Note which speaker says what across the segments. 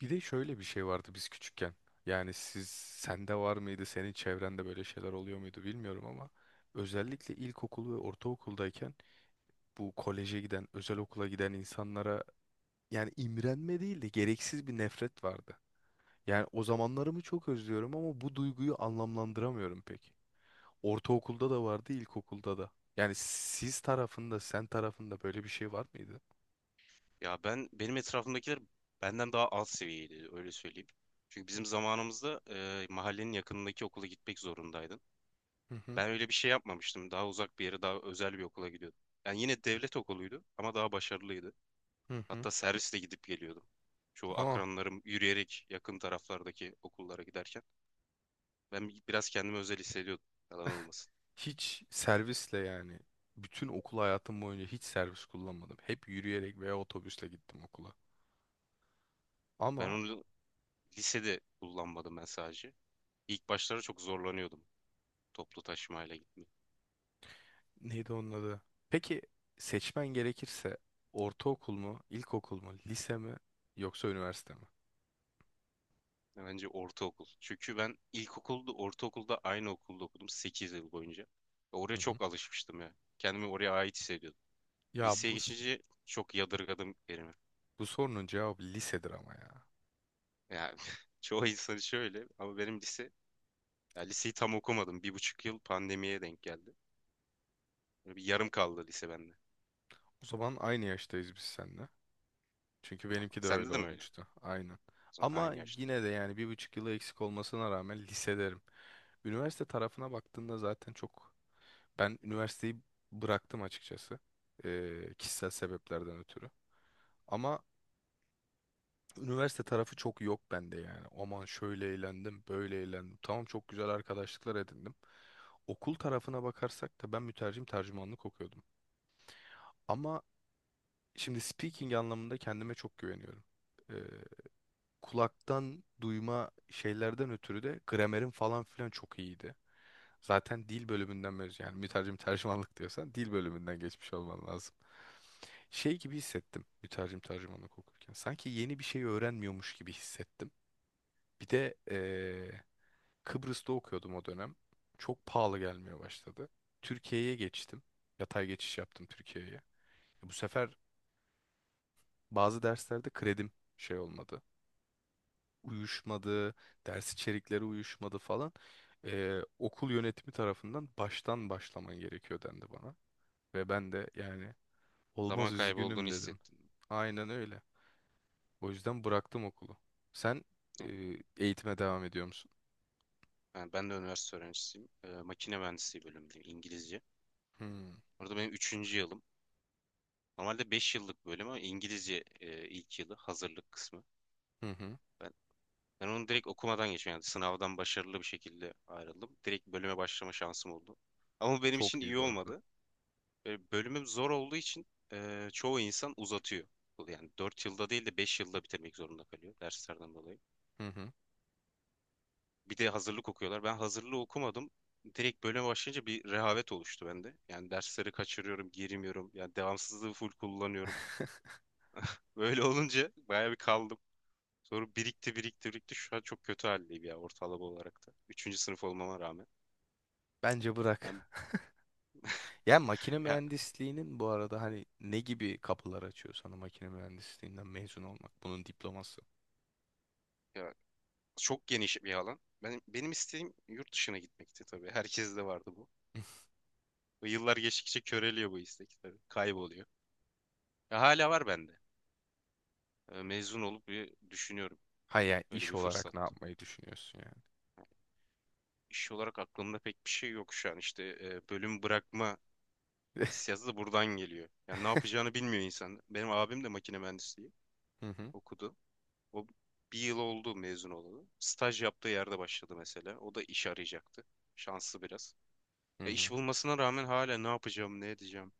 Speaker 1: Bir de şöyle bir şey vardı biz küçükken. Yani sende var mıydı, senin çevrende böyle şeyler oluyor muydu bilmiyorum ama özellikle ilkokul ve ortaokuldayken bu koleje giden, özel okula giden insanlara yani imrenme değil de gereksiz bir nefret vardı. Yani o zamanlarımı çok özlüyorum ama bu duyguyu anlamlandıramıyorum pek. Ortaokulda da vardı, ilkokulda da. Yani sen tarafında böyle bir şey var mıydı?
Speaker 2: Ya benim etrafımdakiler benden daha alt seviyeydi öyle söyleyeyim. Çünkü bizim zamanımızda mahallenin yakınındaki okula gitmek zorundaydın.
Speaker 1: Hı hı.
Speaker 2: Ben öyle bir şey yapmamıştım. Daha uzak bir yere, daha özel bir okula gidiyordum. Yani yine devlet okuluydu ama daha başarılıydı.
Speaker 1: Hı hı.
Speaker 2: Hatta servisle gidip geliyordum. Çoğu
Speaker 1: Aa.
Speaker 2: akranlarım yürüyerek yakın taraflardaki okullara giderken ben biraz kendimi özel hissediyordum. Yalan olmasın.
Speaker 1: Hiç servisle yani bütün okul hayatım boyunca hiç servis kullanmadım. Hep yürüyerek veya otobüsle gittim okula.
Speaker 2: Ben
Speaker 1: Ama
Speaker 2: onu lisede kullanmadım ben sadece. İlk başlarda çok zorlanıyordum toplu taşımayla gitmeye.
Speaker 1: neydi onun adı? Peki seçmen gerekirse ortaokul mu, ilkokul mu, lise mi yoksa üniversite mi?
Speaker 2: Bence ortaokul. Çünkü ben ilkokulda, ortaokulda aynı okulda okudum 8 yıl boyunca. Ve oraya
Speaker 1: Hı hı.
Speaker 2: çok alışmıştım ya. Kendimi oraya ait hissediyordum.
Speaker 1: Ya
Speaker 2: Liseye geçince çok yadırgadım yerimi.
Speaker 1: bu sorunun cevabı lisedir ama ya.
Speaker 2: Yani çoğu insan şöyle ama benim lise, ya liseyi tam okumadım. 1,5 yıl pandemiye denk geldi. Böyle bir yarım kaldı lise bende.
Speaker 1: O zaman aynı yaştayız biz seninle. Çünkü
Speaker 2: Ha,
Speaker 1: benimki de
Speaker 2: sende
Speaker 1: öyle
Speaker 2: de mi öyle?
Speaker 1: olmuştu. Aynen. Ama
Speaker 2: Aynı yaşta.
Speaker 1: yine de yani 1,5 yılı eksik olmasına rağmen lise derim. Üniversite tarafına baktığında zaten çok. Ben üniversiteyi bıraktım açıkçası. Kişisel sebeplerden ötürü. Ama üniversite tarafı çok yok bende yani. Aman şöyle eğlendim, böyle eğlendim. Tamam çok güzel arkadaşlıklar edindim. Okul tarafına bakarsak da ben mütercim tercümanlık okuyordum. Ama şimdi speaking anlamında kendime çok güveniyorum. Kulaktan duyma şeylerden ötürü de gramerim falan filan çok iyiydi. Zaten dil bölümünden mezun yani mütercim tercümanlık diyorsan dil bölümünden geçmiş olman lazım. Şey gibi hissettim mütercim tercümanlık okurken. Sanki yeni bir şey öğrenmiyormuş gibi hissettim. Bir de Kıbrıs'ta okuyordum o dönem. Çok pahalı gelmeye başladı. Türkiye'ye geçtim. Yatay geçiş yaptım Türkiye'ye. Bu sefer bazı derslerde kredim şey olmadı. Uyuşmadı, ders içerikleri uyuşmadı falan. Okul yönetimi tarafından baştan başlaman gerekiyor dendi bana. Ve ben de yani olmaz
Speaker 2: Zaman kaybı olduğunu
Speaker 1: üzgünüm dedim.
Speaker 2: hissettim.
Speaker 1: Aynen öyle. O yüzden bıraktım okulu. Sen
Speaker 2: Ya,
Speaker 1: e, eğitime devam ediyor musun?
Speaker 2: Yani ben de üniversite öğrencisiyim. Makine mühendisliği bölümündeyim İngilizce.
Speaker 1: Hmm.
Speaker 2: Orada benim üçüncü yılım. Normalde 5 yıllık bölüm ama İngilizce ilk yılı hazırlık kısmı.
Speaker 1: Hı hı.
Speaker 2: Ben, ben onu direkt okumadan geçtim. Yani sınavdan başarılı bir şekilde ayrıldım. Direkt bölüme başlama şansım oldu. Ama bu benim için
Speaker 1: Çok iyi
Speaker 2: iyi
Speaker 1: bu arada.
Speaker 2: olmadı. Bölümüm zor olduğu için çoğu insan uzatıyor. Yani 4 yılda değil de 5 yılda bitirmek zorunda kalıyor derslerden dolayı.
Speaker 1: Hı hı.
Speaker 2: Bir de hazırlık okuyorlar. Ben hazırlığı okumadım. Direkt bölüme başlayınca bir rehavet oluştu bende. Yani dersleri kaçırıyorum, girmiyorum. Yani devamsızlığı full kullanıyorum. Böyle olunca bayağı bir kaldım. Sonra birikti, birikti, birikti. Şu an çok kötü haldeyim ya, ortalama olarak da. Üçüncü sınıf olmama rağmen.
Speaker 1: Bence
Speaker 2: Ben,
Speaker 1: bırak. Ya makine
Speaker 2: ya,
Speaker 1: mühendisliğinin bu arada hani ne gibi kapılar açıyor sana makine mühendisliğinden mezun olmak? Bunun diploması.
Speaker 2: ya çok geniş bir alan. Benim isteğim yurt dışına gitmekti tabii. Herkes de vardı bu. Ve yıllar geçtikçe köreliyor bu istek tabii. Kayboluyor. Ya, hala var bende. Mezun olup bir düşünüyorum.
Speaker 1: Hayır, yani,
Speaker 2: Öyle
Speaker 1: iş
Speaker 2: bir
Speaker 1: olarak
Speaker 2: fırsat.
Speaker 1: ne yapmayı düşünüyorsun yani?
Speaker 2: İş olarak aklımda pek bir şey yok şu an. İşte bölüm bırakma hissiyatı da buradan geliyor. Yani ne yapacağını bilmiyor insan. Benim abim de makine mühendisliği
Speaker 1: Hı hı,
Speaker 2: okudu. O, 1 yıl oldu mezun olalı. Staj yaptığı yerde başladı mesela. O da iş arayacaktı. Şanslı biraz.
Speaker 1: hı
Speaker 2: E iş
Speaker 1: hı.
Speaker 2: bulmasına rağmen hala ne yapacağım, ne edeceğim?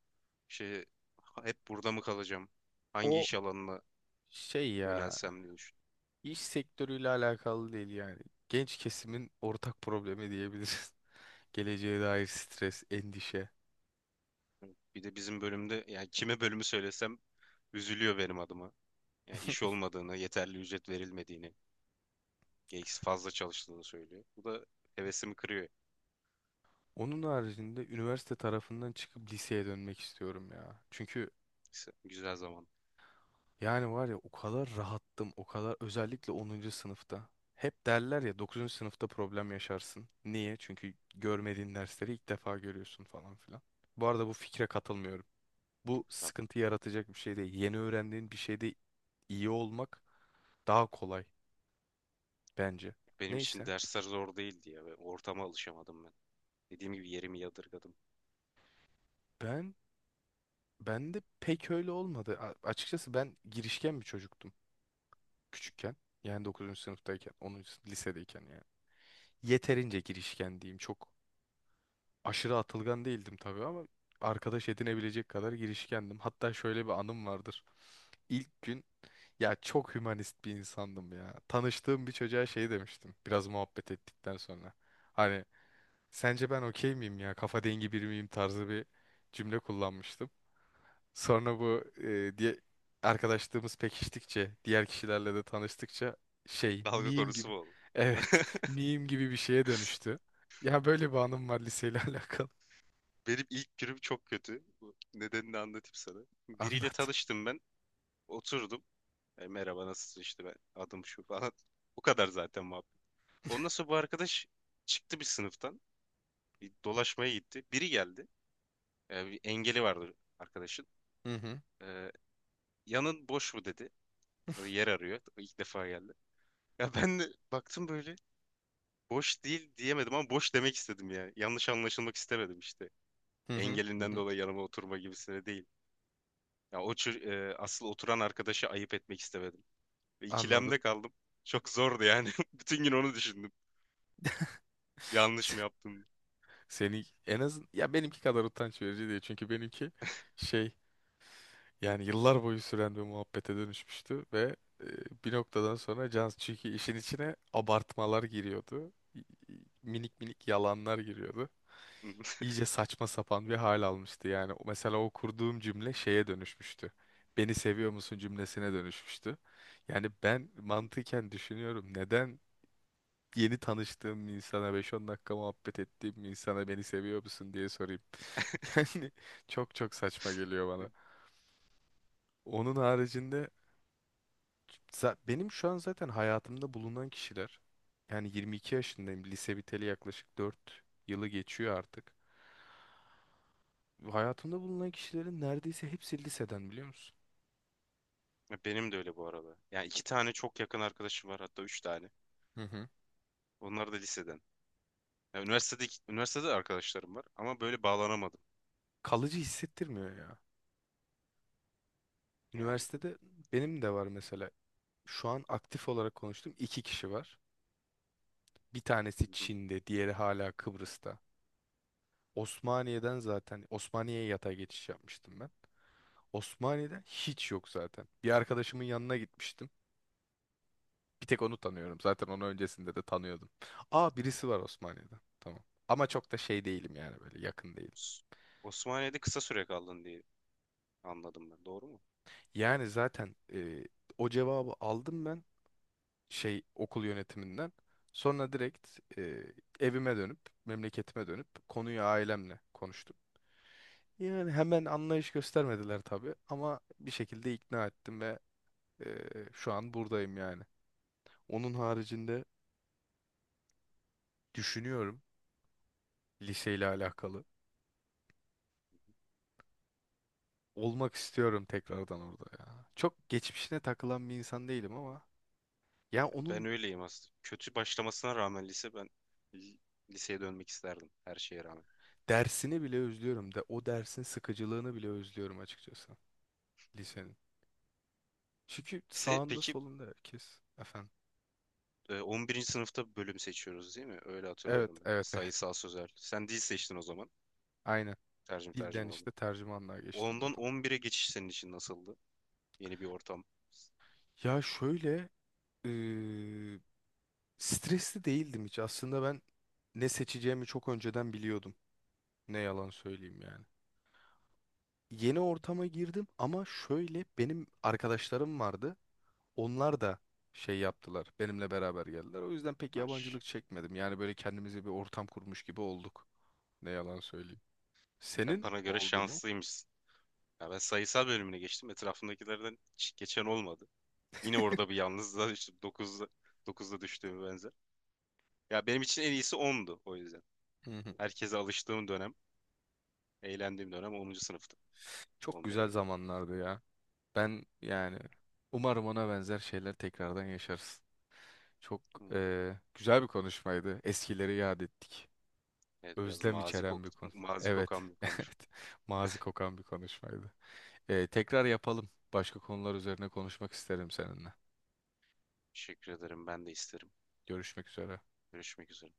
Speaker 2: Şey, hep burada mı kalacağım? Hangi
Speaker 1: O
Speaker 2: iş alanına
Speaker 1: şey ya
Speaker 2: yönelsem diye düşünüyorum.
Speaker 1: iş sektörüyle alakalı değil yani. Genç kesimin ortak problemi diyebiliriz. Geleceğe dair stres, endişe.
Speaker 2: Bir de bizim bölümde yani kime bölümü söylesem üzülüyor benim adıma. Yani iş olmadığını, yeterli ücret verilmediğini, gereksiz fazla çalıştığını söylüyor. Bu da hevesimi kırıyor.
Speaker 1: Onun haricinde üniversite tarafından çıkıp liseye dönmek istiyorum ya. Çünkü
Speaker 2: Güzel zaman.
Speaker 1: yani var ya o kadar rahattım, o kadar özellikle 10. sınıfta. Hep derler ya 9. sınıfta problem yaşarsın. Niye? Çünkü
Speaker 2: Hı hı.
Speaker 1: görmediğin dersleri ilk defa görüyorsun falan filan. Bu arada bu fikre katılmıyorum. Bu
Speaker 2: Ya
Speaker 1: sıkıntı yaratacak bir şey değil. Yeni öğrendiğin bir şeyde iyi olmak daha kolay bence.
Speaker 2: benim için
Speaker 1: Neyse
Speaker 2: dersler zor değildi ya. Ve ortama alışamadım ben. Dediğim gibi yerimi yadırgadım.
Speaker 1: ben ben de pek öyle olmadı. Açıkçası ben girişken bir çocuktum küçükken. Yani 9. sınıftayken, lisedeyken yani. Yeterince girişken diyeyim. Çok aşırı atılgan değildim tabii ama arkadaş edinebilecek kadar girişkendim. Hatta şöyle bir anım vardır. İlk gün ya çok hümanist bir insandım ya. Tanıştığım bir çocuğa şey demiştim biraz muhabbet ettikten sonra. Hani sence ben okey miyim ya kafa dengi biri miyim tarzı bir cümle kullanmıştım. Sonra bu diye arkadaşlığımız pekiştikçe diğer kişilerle de tanıştıkça şey
Speaker 2: Dalga
Speaker 1: meme
Speaker 2: konusu
Speaker 1: gibi
Speaker 2: mu oğlum?
Speaker 1: evet meme gibi bir şeye dönüştü. Ya böyle bir anım var liseyle alakalı.
Speaker 2: Benim ilk günüm çok kötü. Bu nedenini anlatayım sana. Biriyle
Speaker 1: Anlat.
Speaker 2: tanıştım ben. Oturdum. Merhaba, nasılsın, işte ben adım şu falan. Bu kadar zaten muhabbet. Ondan sonra bu arkadaş çıktı bir sınıftan. Bir dolaşmaya gitti. Biri geldi. Bir engeli vardı arkadaşın.
Speaker 1: Hı hı.
Speaker 2: E, yanın boş mu dedi. Yer arıyor. İlk defa geldi. Ya ben de baktım böyle. Boş değil diyemedim ama boş demek istedim ya. Yanlış anlaşılmak istemedim işte,
Speaker 1: Hı hı. Hı
Speaker 2: engelinden
Speaker 1: hı.
Speaker 2: dolayı yanıma oturma gibisine değil. Ya o çür- asıl oturan arkadaşı ayıp etmek istemedim. Ve
Speaker 1: Anladım.
Speaker 2: ikilemde kaldım. Çok zordu yani. Bütün gün onu düşündüm. Yanlış mı yaptım?
Speaker 1: Seni en az ya benimki kadar utanç verici değil. Çünkü benimki şey yani yıllar boyu süren bir muhabbete dönüşmüştü ve e, bir noktadan sonra can çünkü işin içine abartmalar giriyordu. Minik minik yalanlar giriyordu. İyice saçma sapan bir hal almıştı. Yani mesela o kurduğum cümle şeye dönüşmüştü. Beni seviyor musun cümlesine dönüşmüştü. Yani ben mantıken düşünüyorum neden yeni tanıştığım bir insana 5-10 dakika muhabbet ettiğim bir insana beni seviyor musun diye sorayım. Yani çok çok saçma geliyor bana. Onun haricinde benim şu an zaten hayatımda bulunan kişiler yani 22 yaşındayım. Lise biteli yaklaşık 4 yılı geçiyor artık. Hayatımda bulunan kişilerin neredeyse hepsi liseden biliyor musun?
Speaker 2: Benim de öyle bu arada. Yani iki tane çok yakın arkadaşım var, hatta üç tane.
Speaker 1: Hı hı.
Speaker 2: Onlar da liseden. Ya üniversitede arkadaşlarım var ama böyle bağlanamadım
Speaker 1: Kalıcı hissettirmiyor ya.
Speaker 2: yani.
Speaker 1: Üniversitede benim de var mesela. Şu an aktif olarak konuştuğum iki kişi var. Bir tanesi
Speaker 2: Hı hı.
Speaker 1: Çin'de, diğeri hala Kıbrıs'ta. Osmaniye'den zaten Osmaniye'ye yatay geçiş yapmıştım ben. Osmaniye'de hiç yok zaten. Bir arkadaşımın yanına gitmiştim. Bir tek onu tanıyorum. Zaten onu öncesinde de tanıyordum. Aa birisi var Osmaniye'den. Tamam. Ama çok da şey değilim yani böyle yakın değilim.
Speaker 2: S- Osmaniye'de kısa süre kaldın diye anladım ben. Doğru mu?
Speaker 1: Yani zaten o cevabı aldım ben şey okul yönetiminden. Sonra direkt evime dönüp memleketime dönüp konuyu ailemle konuştum. Yani hemen anlayış göstermediler tabii ama bir şekilde ikna ettim ve şu an buradayım yani. Onun haricinde düşünüyorum liseyle alakalı. Olmak istiyorum tekrardan orada ya. Çok geçmişine takılan bir insan değilim ama ya
Speaker 2: Ya ben
Speaker 1: onun
Speaker 2: öyleyim aslında. Kötü başlamasına rağmen lise, ben li- liseye dönmek isterdim her şeye rağmen.
Speaker 1: dersini bile özlüyorum de o dersin sıkıcılığını bile özlüyorum açıkçası lisenin. Çünkü
Speaker 2: Lise,
Speaker 1: sağında
Speaker 2: peki
Speaker 1: solunda herkes efendim.
Speaker 2: 11. sınıfta bölüm seçiyoruz değil mi? Öyle
Speaker 1: Evet,
Speaker 2: hatırlıyorum ben.
Speaker 1: evet, evet.
Speaker 2: Sayısal, sözel. Sen dil seçtin o zaman.
Speaker 1: Aynen.
Speaker 2: Tercüme
Speaker 1: Dilden
Speaker 2: oldu.
Speaker 1: işte tercümanlığa geçtim
Speaker 2: Ondan
Speaker 1: oradan.
Speaker 2: 11'e geçiş senin için nasıldı? Yeni bir ortam.
Speaker 1: Ya şöyle eee, stresli değildim hiç. Aslında ben ne seçeceğimi çok önceden biliyordum. Ne yalan söyleyeyim yani. Yeni ortama girdim ama şöyle benim arkadaşlarım vardı. Onlar da şey yaptılar. Benimle beraber geldiler. O yüzden pek
Speaker 2: Maş.
Speaker 1: yabancılık çekmedim. Yani böyle kendimize bir ortam kurmuş gibi olduk. Ne yalan söyleyeyim.
Speaker 2: Sen
Speaker 1: Senin
Speaker 2: bana göre
Speaker 1: oldu mu?
Speaker 2: şanslıymışsın. Ya ben sayısal bölümüne geçtim. Etrafımdakilerden hiç geçen olmadı. Yine orada bir yalnızlığa düştüm. 9'da düştüğüm benzer. Ya benim için en iyisi 10'du o yüzden.
Speaker 1: Hı hı.
Speaker 2: Herkese alıştığım dönem, eğlendiğim dönem 10. sınıftı.
Speaker 1: Çok
Speaker 2: 11'e
Speaker 1: güzel
Speaker 2: göre.
Speaker 1: zamanlardı ya. Ben yani umarım ona benzer şeyler tekrardan yaşarız. Çok
Speaker 2: Bunlar-
Speaker 1: güzel bir konuşmaydı. Eskileri yad ettik.
Speaker 2: Evet, biraz
Speaker 1: Özlem içeren bir konu.
Speaker 2: mazi
Speaker 1: Evet.
Speaker 2: kokan bir konuşma.
Speaker 1: Evet. Mazi kokan bir konuşmaydı. Tekrar yapalım. Başka konular üzerine konuşmak isterim seninle.
Speaker 2: Teşekkür ederim. Ben de isterim.
Speaker 1: Görüşmek üzere.
Speaker 2: Görüşmek üzere.